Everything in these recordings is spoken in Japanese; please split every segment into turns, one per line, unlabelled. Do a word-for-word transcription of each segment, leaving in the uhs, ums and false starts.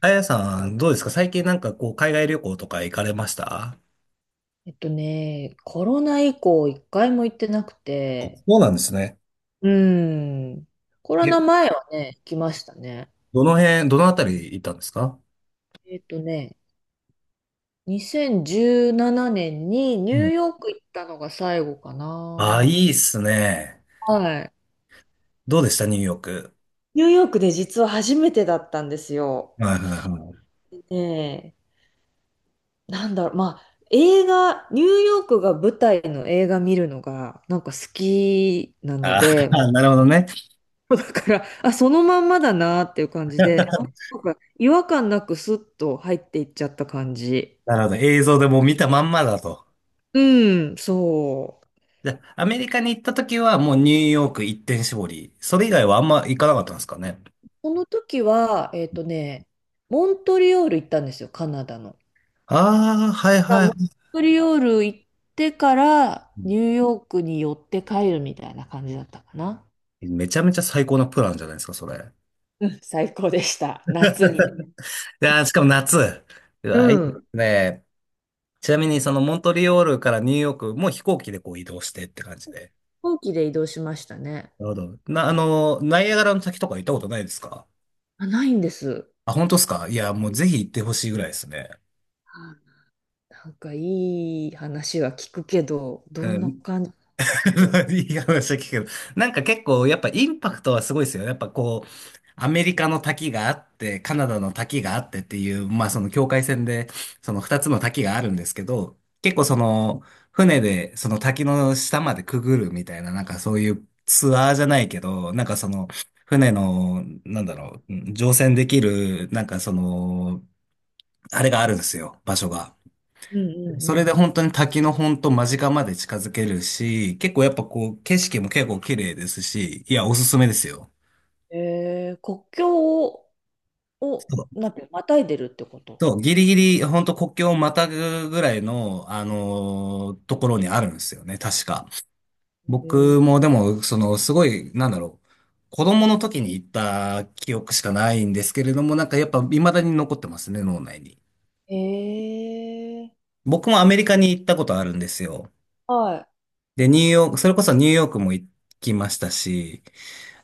あやさん、どうですか？最近なんかこう、海外旅行とか行かれました？
えっとね、コロナ以降一回も行ってなくて、
そうなんですね。
うん、コロ
え、
ナ前はね、行きましたね。
どの辺、どのあたり行ったんですか？
えっとね、にせんじゅうななねんにニュ
う
ー
ん。
ヨーク行ったのが最後か
ああ、
な。
いいっすね。
はい。
どうでした？ニューヨーク。
ニューヨークで実は初めてだったんですよ。
はいはいはい。
ねえ、なんだろう、まあ、映画、ニューヨークが舞台の映画見るのが、なんか好きなの
あ
で、
あ、なるほどね。
だから、あ、そのまんまだなっていう感じで、あ、なんか違和感なくスッと入っていっちゃった感じ。
なるほど。映像でもう見たまんまだと。
うん、そう。
じゃあ、アメリカに行った時はもうニューヨーク一点絞り。それ以外はあんま行かなかったんですかね。
この時は、えっとね、モントリオール行ったんですよ、カナダの。
ああ、はい
だか
はい。
らモン
は
トリオール行ってからニューヨークに寄って帰るみたいな感じだったかな。
い。めちゃめちゃ最高なプランじゃないですか、それ。い
うん、最高でした。夏に。飛
やー、しかも夏。う
う
わ、いいで
ん。飛
すね。ちなみに、そのモントリオールからニューヨークも飛行機でこう移動してって感じで？
行機で移動しましたね。
なるほど。な、あの、ナイアガラの滝とか行ったことないですか？
あ、ないんです。
あ、本当ですか？いや、もうぜひ行ってほしいぐらいですね。
はい。なんかいい話は聞くけど、
う
どんな
ん。
感じの？
いい話聞くけど、なんか結構やっぱインパクトはすごいですよ。やっぱこう、アメリカの滝があって、カナダの滝があってっていう、まあその境界線で、その二つの滝があるんですけど、結構その、船でその滝の下までくぐるみたいな、なんかそういうツアーじゃないけど、なんかその、船の、なんだろう、うん、乗船できる、なんかその、あれがあるんですよ、場所が。
うんうんう
それで
ん。
本当に滝の本当間近まで近づけるし、結構やっぱこう景色も結構綺麗ですし、いや、おすすめですよ。
えー、国境を、を
そう
なんて、またいでるってこと？
そう、ギリギリ本当国境をまたぐぐらいの、あのーところにあるんですよね、確か。
へ
僕もでも、そのすごい、なんだろう、子供の時に行った記憶しかないんですけれども、なんかやっぱ未だに残ってますね、脳内に。
えー、
僕もアメリカに行ったことあるんですよ。
は
で、ニューヨーク、それこそニューヨークも行きましたし、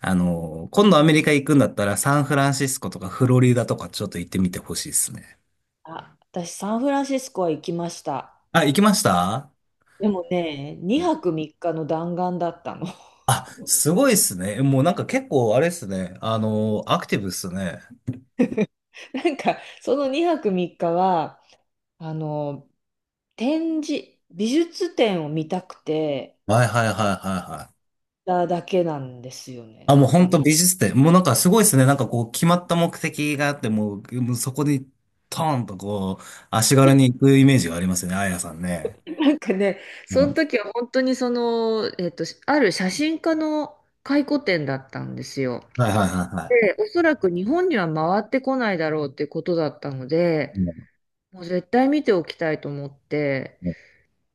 あ
い。うん。
の、今度アメリカ行くんだったらサンフランシスコとかフロリダとかちょっと行ってみてほしいですね。
あ、私、サンフランシスコは行きました。
あ、行きました？
でもね、にはくみっかの弾丸だったの。
あ、すごいですね。もうなんか結構あれですね。あの、アクティブですね。
なんか、そのにはくみっかは、あの、展示、美術展を見たくて、
はいはいはいはいはい。
だけなんですよね。
あ、も
な
う
ん
本
か、
当美術展。もうなんかすごいですね。なんかこう決まった目的があって、もう、もうそこにトーンとこう、足軽に行くイメージがありますね。あやさんね。
なんかね、
う
その
ん。
時は本当にその、えっと、ある写真家の回顧展だったんですよ。
はいはいはいは
で、おそらく日本には回ってこないだろうってことだったの
い。
で、
うん
もう絶対見ておきたいと思って、
う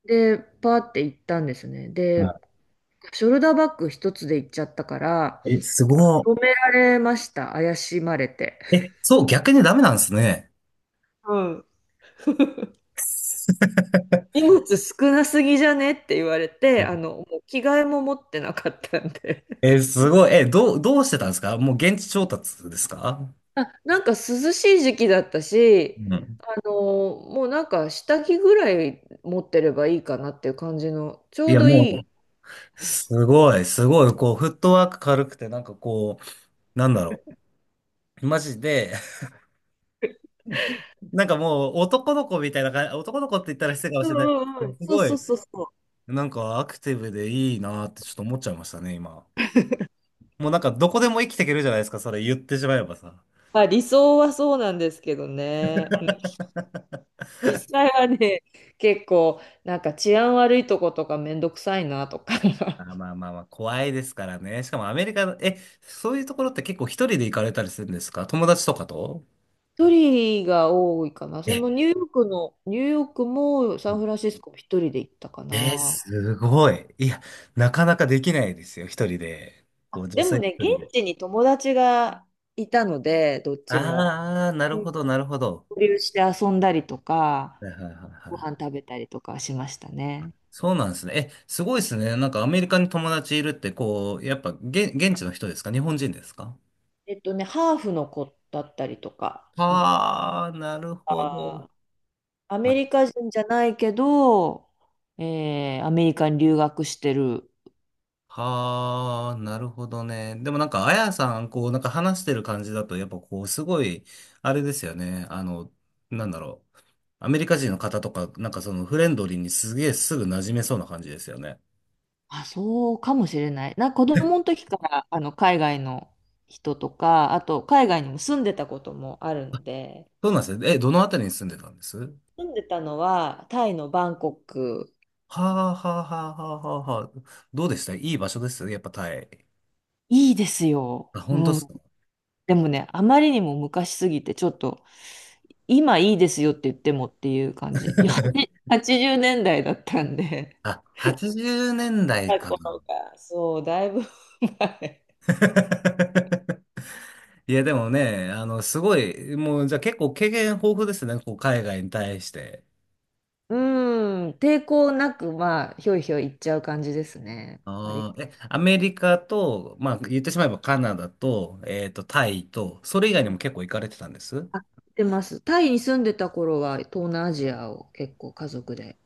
で、パーって行ったんですね。
ん。
で、
は
ショルダーバッグ一つで行っちゃったから、
い。え、す
あ、
ご
止められました。怪しまれて。
い。え、そう、逆にダメなんですね。
うん。荷物少なすぎじゃねって言われて、あの、もう着替えも持ってなかったんで。
え、すごい。え、どう、どうしてたんですか？もう現地調達ですか？
あ、なんか涼しい時期だったし、
うん。
あのもうなんか下着ぐらい持ってればいいかなっていう感じの、ちょ
い
う
や、
どいい。
もう、すごい、すごい、こう、フットワーク軽くて、なんかこう、なんだろう。マジで、なんかもう、男の子みたいな感じ、男の子って言ったら失礼かも
う
し
ん
れないです
うん
け
う
ど。
ん。
す
そう
ご
そう
い、
そうそう。
なんかアクティブでいいなってちょっと思っちゃいましたね、今。もうなんか、どこでも生きていけるじゃないですか、それ言ってしまえばさ。
まあ理想はそうなんですけどね。うん、実際はね、結構なんか治安悪いとことかめんどくさいなとか。
あ、まあまあまあ、怖いですからね。しかもアメリカの、え、そういうところって結構一人で行かれたりするんですか？友達とかと？
一人が多いかな。そのニューヨークの、ニューヨークも
う
サン
ん。
フランシスコも一人で行ったか
えー、
な。
すごい。いや、なかなかできないですよ、一人で。こ
あ、
う、女
で
性
も
一
ね、
人で。
現地に友達がいたので、どっちも。
ああ、なる
うん、
ほど、なるほど。
交流して遊んだりとか、
はいはいはい
ご
は
飯
い。
食べたりとかしましたね。
そうなんですね。え、すごいですね。なんかアメリカに友達いるって、こう、やっぱ、げ、現地の人ですか？日本人ですか？
えっとね、ハーフの子だったりとか、うん、
ああー、なるほ
あ
ど。
ー、アメリカ人じゃないけど、えーアメリカに留学してる。
はあ、なるほどね。でもなんか、あやさん、こう、なんか話してる感じだと、やっぱこう、すごい、あれですよね。あの、なんだろう。アメリカ人の方とか、なんかそのフレンドリーにすげえすぐ馴染めそうな感じですよね。
あ、そうかもしれない。な、子供の時からあの海外の人とか、あと海外にも住んでたこともあるので、
そうなんですね。え、どのあたりに住んでたんです？は
住んでたのはタイのバンコク。
あ、はあ、はあ、はあ、はあ。はあ、どうでした？いい場所ですよね、やっぱタイ。
いいですよ。
あ、
う
本当っす
ん。
か？
でもね、あまりにも昔すぎて、ちょっと、今いいですよって言ってもっていう感じ。よはちじゅうねんだいだいだったんで。
あ、はちじゅうねんだい
過
か。
去が、そう、だいぶ前。
いや、でもね、あの、すごい、もう、じゃあ結構経験豊富ですね、こう、海外に対して。
うん、抵抗なく、まあ、ひょいひょい行っちゃう感じですね。割
あー
と。
え、アメリカと、まあ、言ってしまえばカナダと、えっと、タイと、それ以外
う
に
ん、
も結構行かれてたんです？
あ、行ってます。タイに住んでた頃は、東南アジアを結構家族で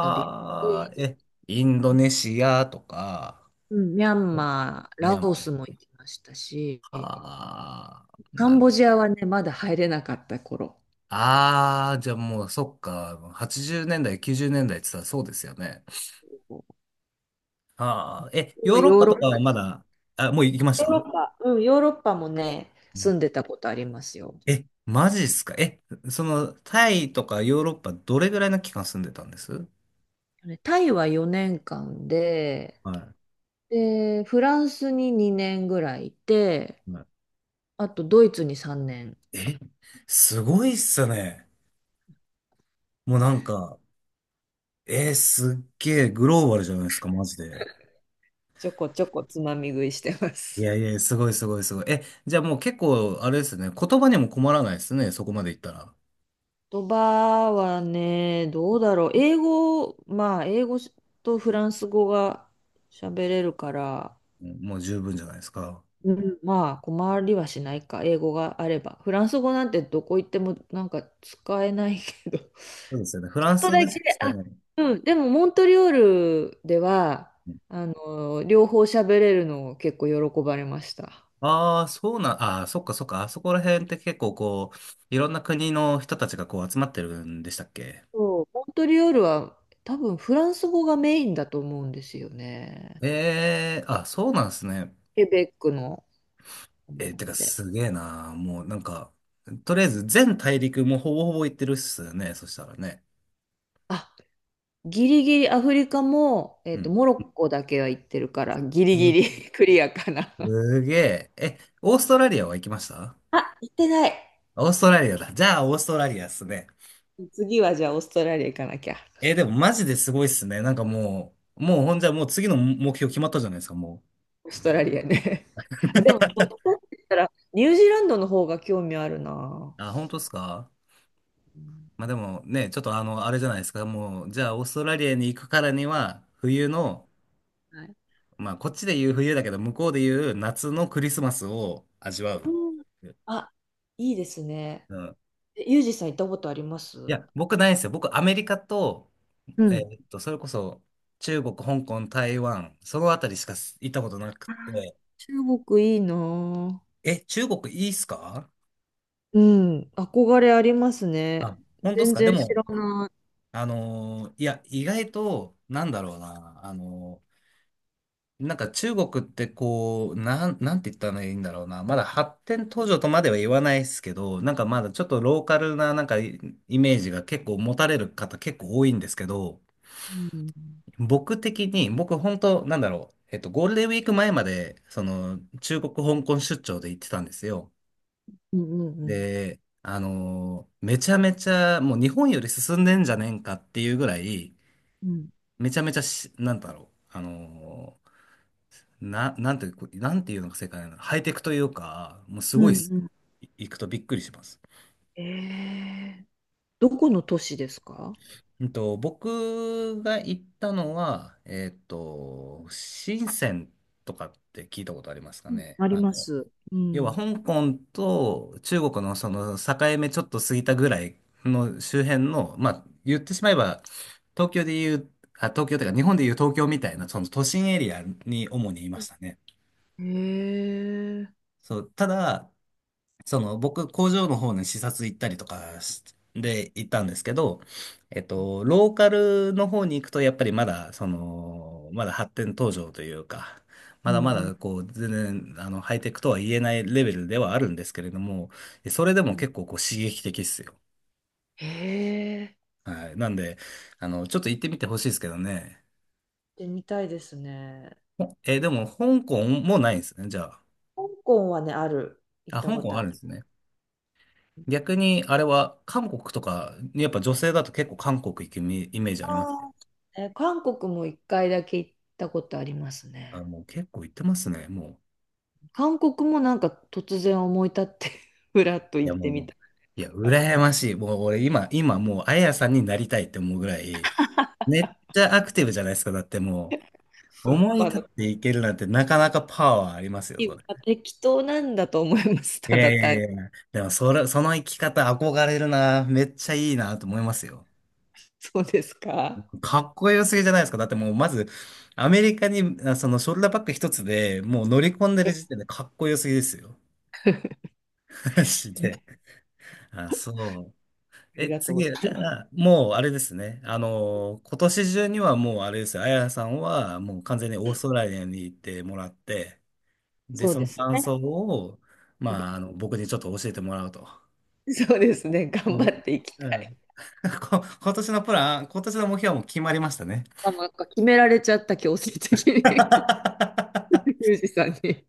旅し
あ、
て、
え、インドネシアとか、
うん、ミャンマー、
ミャ
ラ
ン
オ
マ
スも行きましたし、
ー、はあ、
カ
な
ン
る。
ボジアはね、まだ入れなかった頃。
ああ、じゃあもう、そっか、はちじゅうねんだい、きゅうじゅうねんだいって言ったらそうですよね。はあ、え、ヨ
今
ーロッ
ヨー
パ
ロ
と
ッ
かは
パ、
まだ、あ、もう行きまし
ヨーロ
た？
ッパ、うん、ヨーロッパもね、住んでたことありますよ。
え、マジっすか？え、その、タイとかヨーロッパどれぐらいの期間住んでたんです？
タイはよねんかんで、
はい。
で、フランスににねんぐらいいて、
は
あとドイツにさんねん、
い。え、すごいっすね。もうなんか、えーすっげえグローバルじゃないですか、マジで。
ちょこちょこつまみ食いしてま
い
す。
やいや、すごいすごいすごい。え、じゃあもう結構、あれですね、言葉にも困らないですね、そこまでいったら。
言葉はね、どうだろう。英語、まあ、英語とフランス語が喋れるから、
うん。もう十分じゃないですか？
うん、まあ困りはしないか、英語があれば。フランス語なんてどこ行ってもなんか使えないけど。ち
そうですよね。フラ
ょ
ン
っと
ス
だ
で
け、
すか
あ、
ね。
うん、でもモントリオールでは、あの、両方喋れるのを結構喜ばれました。
ああー、そうなん、ああ、そっかそっか、あそこら辺って結構こう、いろんな国の人たちがこう集まってるんでしたっけ？
そう、モントリオールは多分フランス語がメインだと思うんですよね。
ええ、あ、そうなんですね。
ケベックの。う
えーてか
んで、
すげえな。もうなんか、とりあえず全大陸もほぼほぼ行ってるっすよね。そしたらね。
あ、ギリギリアフリカも、え
う
っと、
ん。
モロッコだけは行ってるから、ギリギ
す、
リ クリアかな。
すげえ。え、オーストラリアは行きました？
あ、行ってない。
オーストラリアだ。じゃあ、オーストラリアっすね。
次はじゃあオーストラリア行かなきゃ。
えーでもマジですごいっすね。なんかもう、もうほんじゃもう次の目標決まったじゃないですか、も
オーストラリアね。あ、でも、どっちかって言ったら、ニュージーランドの方が興味あるな。
う。あ、本当っすか？
うん、
まあでもね、ちょっとあの、あれじゃないですか。もう、じゃあ、オーストラリアに行くからには、冬の、
はい。
まあ、こっちで言う冬だけど、向こうで言う夏のクリスマスを味わ
う
う。
ん、あ、いいですね。
うん。
えユージさん行ったことありま
い
す？
や、僕ないんですよ。僕、アメリカと、
う
え
ん。
ーっと、それこそ、中国、香港、台湾、そのあたりしか行ったことなく
あー、
て。
中国いいな。
え、中国いいっすか？
うん、憧れありますね。
あ、本当っす
全
か？で
然知ら
も、
ない。
あのーいや、意外と、なんだろうな、あのーなんか中国ってこう、なん、なんて言ったらいいんだろうな。まだ発展途上とまでは言わないですけど、なんかまだちょっとローカルななんかイイメージが結構持たれる方結構多いんですけど、
うん
僕的に、僕本当なんだろう。えっと、ゴールデンウィーク前まで、その、中国香港出張で行ってたんですよ。
うんうんうん
で、あのーめちゃめちゃ、もう日本より進んでんじゃねえんかっていうぐらい、
うん
めちゃめちゃし、なんだろう。あのーな、なんて、こうなんていうのが正解なの？ハイテクというか、もうす
うん
ごいっす。
うん。
い行くとびっくりします。
えー、どこの都市ですか？
うんと、僕が行ったのは、えっと、深センとかって聞いたことありますか
うん、
ね？
あり
あ
ま
の、
す。う
要は
ん。
香港と中国のその境目ちょっと過ぎたぐらいの周辺の、まあ、言ってしまえば、東京で言う、あ、東京というか日本で言う東京みたいなその都心エリアに主にいましたね。
へえ。
そう、ただ、その、僕、工場の方に視察行ったりとかしで行ったんですけど、えっと、ローカルの方に行くと、やっぱりまだ、その、まだ発展途上というか、
う
まだま
ん
だ、こう、全然、あの、ハイテクとは言えないレベルではあるんですけれども、それで
う
も
ん。
結構、こう、刺激的っすよ。
へえ。
はい。なんで、あの、ちょっと行ってみてほしいですけどね。
で、見たいですね。
ほえー、でも、香港もないんですね、じゃあ。
香港はね、ある。行っ
あ、
た
香
こと
港
あ
あ
る。
るんですね。逆に、あれは、韓国とか、やっぱ女性だと結構韓国行くイメイメージありますね。
あー、え、韓国も一回だけ行ったことあります
あ、
ね。
もう結構行ってますね、もう。
韓国もなんか突然思い立って ふらっと
い
行
や、
ってみ
もう、
た。
いや、羨ましい。もう俺今、今もう、あやさんになりたいって思うぐらい、めっちゃアクティブじゃないですか。だってもう、思い
まあ、
立っ
ま
ていけるなんてなかなかパワーありますよ、それ。
あ適当なんだと思います。
い
た
や
だ
い
単に。
やいや、でもそれ、その生き方憧れるな。めっちゃいいなと思いますよ。
そうですか。あ
かっこよすぎじゃないですか。だってもう、まず、アメリカに、あ、そのショルダーバッグ一つでもう乗り込んでる時点でかっこよすぎですよ。マジで。あ、そう。
り
え、
がとうご
次、じ
ざい
ゃ
ます。
あ、もうあれですね。あの、今年中にはもうあれですよ。あやさんはもう完全にオ
う
ー
ん、
ストラリアに行ってもらって、で、
そう
そ
で
の
す
感想
ね。
を、まあ、あの、僕にちょっと教えてもらうと。
そうですね。頑
も
張っ
う。
ていき
う
たい。
ん。こ今年のプラン、今年の目標はもう決まりましたね。
まあ、なんか決められちゃった、強制的に。ユージさんに。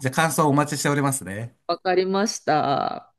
じゃあ、感想をお待ちしておりますね。
わかりました。